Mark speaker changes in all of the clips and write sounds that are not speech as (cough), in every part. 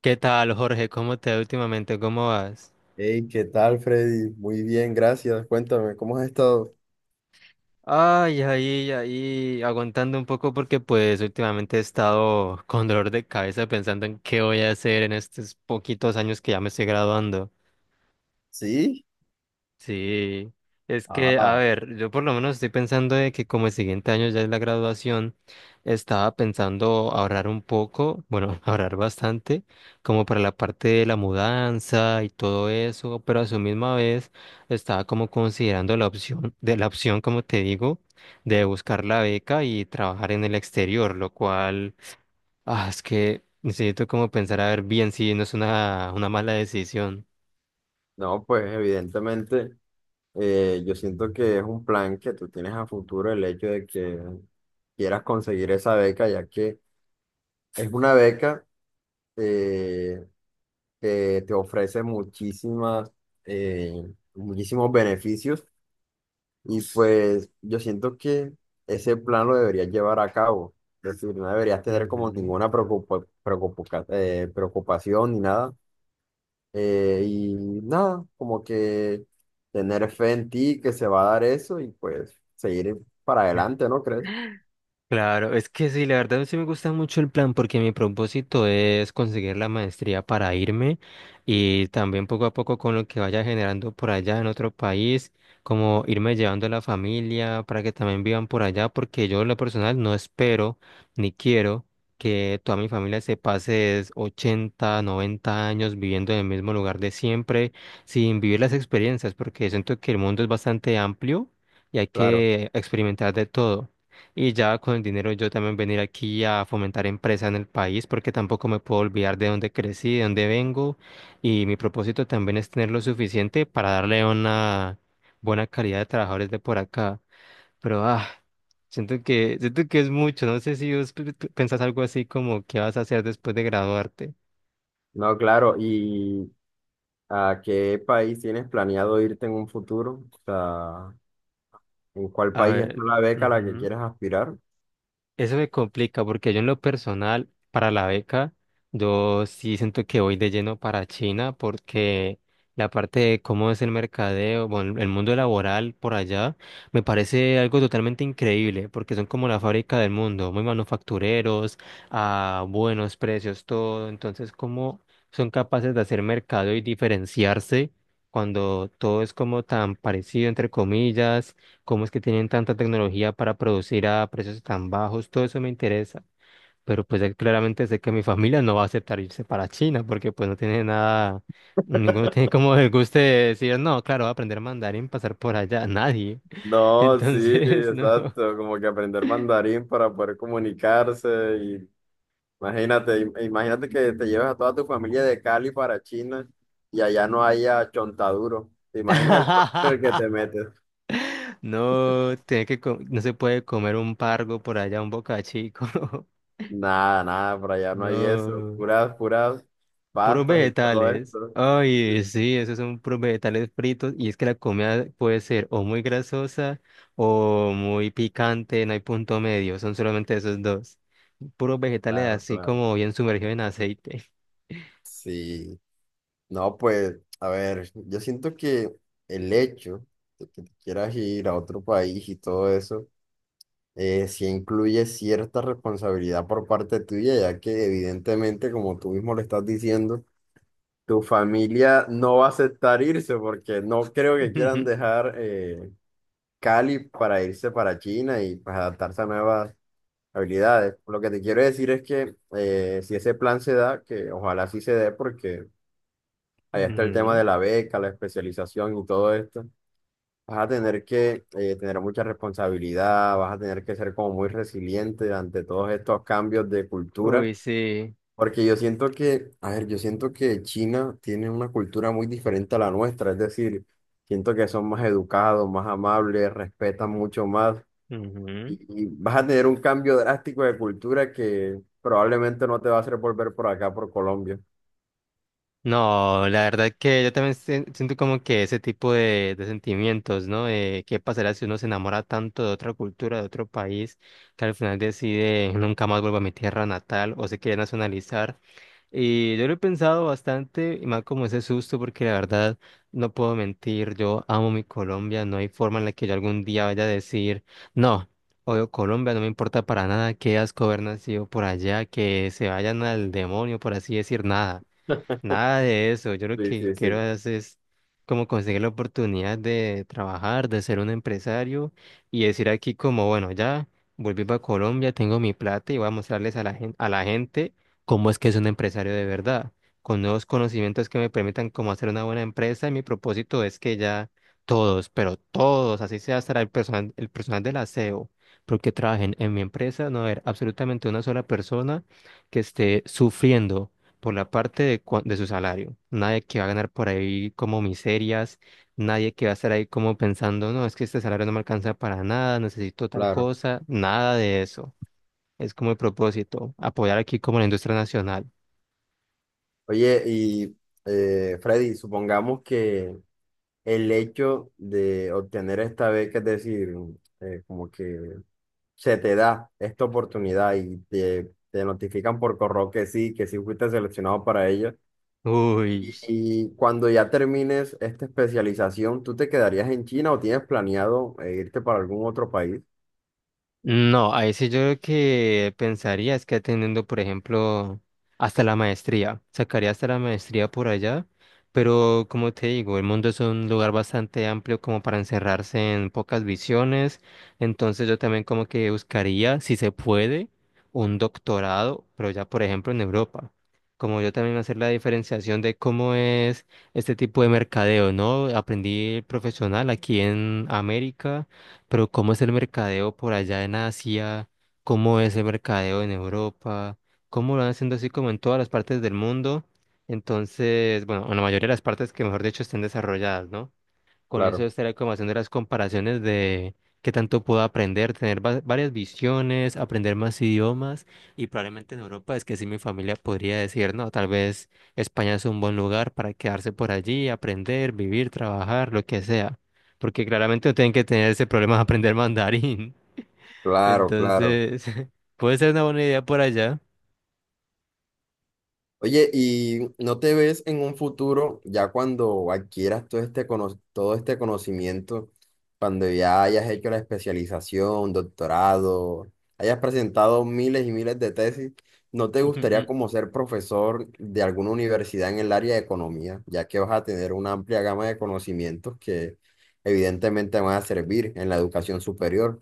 Speaker 1: ¿Qué tal, Jorge? ¿Cómo te va últimamente? ¿Cómo vas?
Speaker 2: Hey, ¿qué tal, Freddy? Muy bien, gracias. Cuéntame, ¿cómo has estado?
Speaker 1: Ay, ahí, aguantando un poco porque pues últimamente he estado con dolor de cabeza pensando en qué voy a hacer en estos poquitos años que ya me estoy graduando.
Speaker 2: ¿Sí?
Speaker 1: Sí, es que, a
Speaker 2: Ah,
Speaker 1: ver, yo por lo menos estoy pensando de que como el siguiente año ya es la graduación, estaba pensando ahorrar un poco, bueno, (laughs) ahorrar bastante, como para la parte de la mudanza y todo eso, pero a su misma vez estaba como considerando la opción, como te digo, de buscar la beca y trabajar en el exterior, lo cual, es que necesito como pensar a ver bien si no es una mala decisión.
Speaker 2: no, pues evidentemente yo siento que es un plan que tú tienes a futuro el hecho de que quieras conseguir esa beca, ya que es una beca eh, que te ofrece muchísimas, muchísimos beneficios. Y pues yo siento que ese plan lo deberías llevar a cabo. Es decir, no deberías tener como ninguna preocupación ni nada. Y nada, como que tener fe en ti que se va a dar eso y pues seguir para adelante, ¿no crees?
Speaker 1: Ujú. Claro, es que sí, la verdad sí me gusta mucho el plan porque mi propósito es conseguir la maestría para irme y también poco a poco con lo que vaya generando por allá en otro país, como irme llevando a la familia para que también vivan por allá, porque yo en lo personal no espero ni quiero que toda mi familia se pase es 80, 90 años viviendo en el mismo lugar de siempre sin vivir las experiencias, porque siento que el mundo es bastante amplio y hay
Speaker 2: Claro.
Speaker 1: que experimentar de todo. Y ya con el dinero yo también venir aquí a fomentar empresa en el país porque tampoco me puedo olvidar de dónde crecí, de dónde vengo. Y mi propósito también es tener lo suficiente para darle una buena calidad de trabajadores de por acá. Pero siento que es mucho. No sé si vos pensás algo así como qué vas a hacer después de graduarte.
Speaker 2: No, claro. ¿Y a qué país tienes planeado irte en un futuro? O sea, ¿en cuál
Speaker 1: A
Speaker 2: país es tú
Speaker 1: ver.
Speaker 2: la beca a la que quieres aspirar?
Speaker 1: Eso me complica porque yo en lo personal, para la beca, yo sí siento que voy de lleno para China porque la parte de cómo es el mercadeo, bueno, el mundo laboral por allá, me parece algo totalmente increíble porque son como la fábrica del mundo, muy manufactureros, a buenos precios, todo. Entonces, ¿cómo son capaces de hacer mercado y diferenciarse cuando todo es como tan parecido, entre comillas? ¿Cómo es que tienen tanta tecnología para producir a precios tan bajos? Todo eso me interesa. Pero pues claramente sé que mi familia no va a aceptar irse para China porque pues no tiene nada, ninguno (laughs) tiene
Speaker 2: (laughs)
Speaker 1: como el gusto de decir, no, claro, voy a aprender mandarín, pasar por allá, nadie. (laughs)
Speaker 2: No, sí,
Speaker 1: Entonces, no.
Speaker 2: exacto, como que aprender mandarín para poder comunicarse y imagínate que te lleves a toda tu familia de Cali para China y allá no haya chontaduro. ¿Te imaginas el problema en el que
Speaker 1: (laughs)
Speaker 2: te metes?
Speaker 1: No, tiene que no se puede comer un pargo por allá, un bocachico.
Speaker 2: Nada, nada, por
Speaker 1: (laughs)
Speaker 2: allá no hay eso,
Speaker 1: No.
Speaker 2: puras
Speaker 1: Puros
Speaker 2: pastas y todo
Speaker 1: vegetales.
Speaker 2: esto.
Speaker 1: Ay, sí, esos son puros vegetales fritos. Y es que la comida puede ser o muy grasosa o muy picante, no hay punto medio, son solamente esos dos. Puros vegetales
Speaker 2: Claro,
Speaker 1: así
Speaker 2: claro.
Speaker 1: como bien sumergidos en aceite.
Speaker 2: Sí, no, pues, a ver, yo siento que el hecho de que te quieras ir a otro país y todo eso, sí incluye cierta responsabilidad por parte tuya, ya que evidentemente, como tú mismo le estás diciendo, tu familia no va a aceptar irse porque no creo que
Speaker 1: (laughs)
Speaker 2: quieran dejar, Cali, para irse para China y pues adaptarse a nuevas habilidades. Lo que te quiero decir es que, si ese plan se da, que ojalá sí se dé porque ahí está el tema
Speaker 1: Ujú.
Speaker 2: de la beca, la especialización y todo esto. Vas a tener que, tener mucha responsabilidad, vas a tener que ser como muy resiliente ante todos estos cambios de cultura,
Speaker 1: Uy, sí.
Speaker 2: porque yo siento que, a ver, yo siento que China tiene una cultura muy diferente a la nuestra, es decir, siento que son más educados, más amables, respetan mucho más,
Speaker 1: Ujú.
Speaker 2: y vas a tener un cambio drástico de cultura que probablemente no te va a hacer volver por acá, por Colombia.
Speaker 1: No, la verdad que yo también siento como que ese tipo de sentimientos, ¿no? ¿Qué pasará si uno se enamora tanto de otra cultura, de otro país, que al final decide nunca más vuelvo a mi tierra natal o se quiere nacionalizar? Y yo lo he pensado bastante, y más como ese susto, porque la verdad no puedo mentir, yo amo mi Colombia, no hay forma en la que yo algún día vaya a decir, no, odio Colombia, no me importa para nada, qué asco haber nacido por allá, que se vayan al demonio, por así decir, nada.
Speaker 2: (laughs)
Speaker 1: Nada de eso. Yo lo
Speaker 2: Sí,
Speaker 1: que
Speaker 2: sí,
Speaker 1: quiero
Speaker 2: sí.
Speaker 1: hacer es como conseguir la oportunidad de trabajar, de ser un empresario y decir aquí como, bueno, ya volví para Colombia, tengo mi plata y voy a mostrarles a la gente cómo es que es un empresario de verdad, con nuevos conocimientos que me permitan cómo hacer una buena empresa. Y mi propósito es que ya todos, pero todos, así sea hasta el personal del aseo, porque trabajen en mi empresa, no haber absolutamente una sola persona que esté sufriendo por la parte de, de su salario. Nadie que va a ganar por ahí como miserias, nadie que va a estar ahí como pensando, no, es que este salario no me alcanza para nada, necesito tal
Speaker 2: Claro.
Speaker 1: cosa, nada de eso. Es como el propósito, apoyar aquí como la industria nacional.
Speaker 2: Oye, y Freddy, supongamos que el hecho de obtener esta beca, es decir, como que se te da esta oportunidad y te notifican por correo que sí fuiste seleccionado para ella.
Speaker 1: Uy.
Speaker 2: Y cuando ya termines esta especialización, ¿tú te quedarías en China o tienes planeado irte para algún otro país?
Speaker 1: No, ahí sí yo lo que pensaría es que atendiendo, por ejemplo, hasta la maestría, sacaría hasta la maestría por allá, pero como te digo, el mundo es un lugar bastante amplio como para encerrarse en pocas visiones, entonces yo también como que buscaría, si se puede, un doctorado, pero ya por ejemplo en Europa. Como yo también hacer la diferenciación de cómo es este tipo de mercadeo, ¿no? Aprendí profesional aquí en América, pero ¿cómo es el mercadeo por allá en Asia? ¿Cómo es el mercadeo en Europa? ¿Cómo lo van haciendo así como en todas las partes del mundo? Entonces, bueno, en la mayoría de las partes que mejor dicho estén desarrolladas, ¿no? Con eso
Speaker 2: Claro,
Speaker 1: estaría como haciendo las comparaciones de qué tanto puedo aprender, tener varias visiones, aprender más idiomas, y probablemente en Europa es que sí mi familia podría decir, no, tal vez España es un buen lugar para quedarse por allí, aprender, vivir, trabajar, lo que sea, porque claramente no tienen que tener ese problema de aprender mandarín. (laughs)
Speaker 2: claro, claro.
Speaker 1: Entonces, (laughs) puede ser una buena idea por allá.
Speaker 2: Oye, ¿y no te ves en un futuro, ya cuando adquieras todo todo este conocimiento, cuando ya hayas hecho la especialización, doctorado, hayas presentado miles y miles de tesis, no te gustaría
Speaker 1: (laughs)
Speaker 2: como ser profesor de alguna universidad en el área de economía, ya que vas a tener una amplia gama de conocimientos que evidentemente van a servir en la educación superior?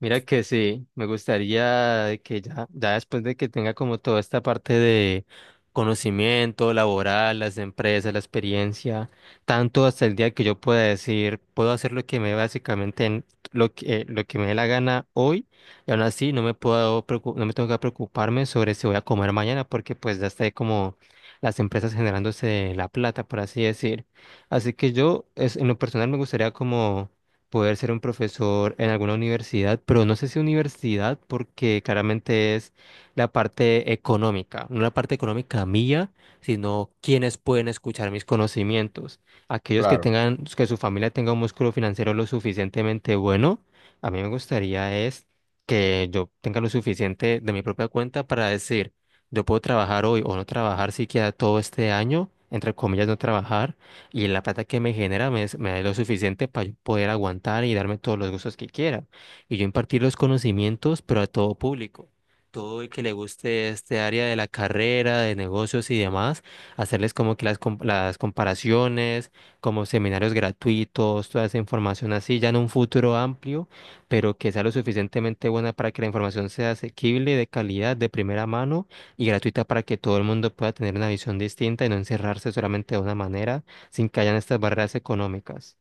Speaker 1: Mira que sí, me gustaría que ya, ya después de que tenga como toda esta parte de conocimiento laboral, las empresas, la experiencia, tanto hasta el día que yo pueda decir, puedo hacer lo que me lo que me dé la gana hoy, y aún así no me puedo no me tengo que preocuparme sobre si voy a comer mañana, porque pues ya está como las empresas generándose la plata, por así decir. Así que yo, es, en lo personal me gustaría como poder ser un profesor en alguna universidad, pero no sé si universidad porque claramente es la parte económica, no la parte económica mía, sino quienes pueden escuchar mis conocimientos. Aquellos que
Speaker 2: Claro,
Speaker 1: tengan, que su familia tenga un músculo financiero lo suficientemente bueno, a mí me gustaría es que yo tenga lo suficiente de mi propia cuenta para decir, yo puedo trabajar hoy o no trabajar siquiera todo este año, entre comillas, no trabajar, y la plata que me genera me, me da lo suficiente para poder aguantar y darme todos los gustos que quiera. Y yo impartir los conocimientos, pero a todo público. Todo el que le guste este área de la carrera, de negocios y demás, hacerles como que las, las comparaciones, como seminarios gratuitos, toda esa información así, ya en un futuro amplio, pero que sea lo suficientemente buena para que la información sea asequible, de calidad, de primera mano y gratuita para que todo el mundo pueda tener una visión distinta y no encerrarse solamente de una manera sin que hayan estas barreras económicas.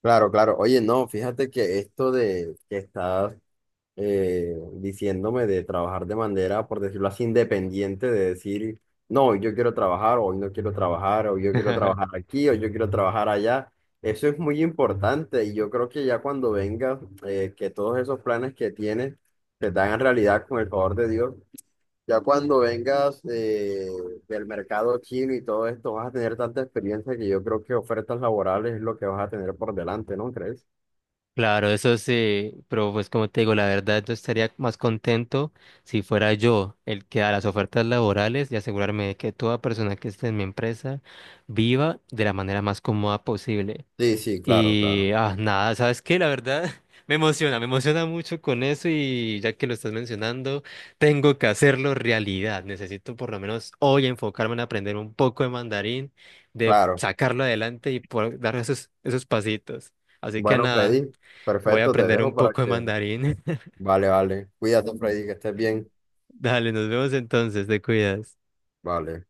Speaker 2: claro, claro. Oye, no, fíjate que esto de que estás, diciéndome de trabajar de manera, por decirlo así, independiente, de decir, no, hoy yo quiero trabajar, hoy no quiero trabajar, hoy yo quiero trabajar
Speaker 1: (laughs)
Speaker 2: aquí, hoy yo quiero trabajar allá. Eso es muy importante y yo creo que ya cuando vengas, que todos esos planes que tienes se te hagan realidad con el favor de Dios. Ya cuando vengas, del mercado chino y todo esto, vas a tener tanta experiencia que yo creo que ofertas laborales es lo que vas a tener por delante, ¿no crees?
Speaker 1: Claro, eso sí, pero pues como te digo, la verdad yo estaría más contento si fuera yo el que da las ofertas laborales y asegurarme de que toda persona que esté en mi empresa viva de la manera más cómoda posible.
Speaker 2: Sí, sí, claro,
Speaker 1: Y
Speaker 2: claro.
Speaker 1: nada, ¿sabes qué? La verdad (laughs) me emociona mucho con eso, y ya que lo estás mencionando, tengo que hacerlo realidad. Necesito por lo menos hoy enfocarme en aprender un poco de mandarín, de
Speaker 2: Claro.
Speaker 1: sacarlo adelante y poder dar esos, esos pasitos. Así que
Speaker 2: Bueno,
Speaker 1: nada,
Speaker 2: Freddy,
Speaker 1: voy a
Speaker 2: perfecto, te
Speaker 1: aprender un
Speaker 2: dejo para
Speaker 1: poco de
Speaker 2: que...
Speaker 1: mandarín. (laughs)
Speaker 2: Vale, vale. Cuídate, Freddy, que estés bien.
Speaker 1: Dale, nos vemos entonces, te cuidas.
Speaker 2: Vale.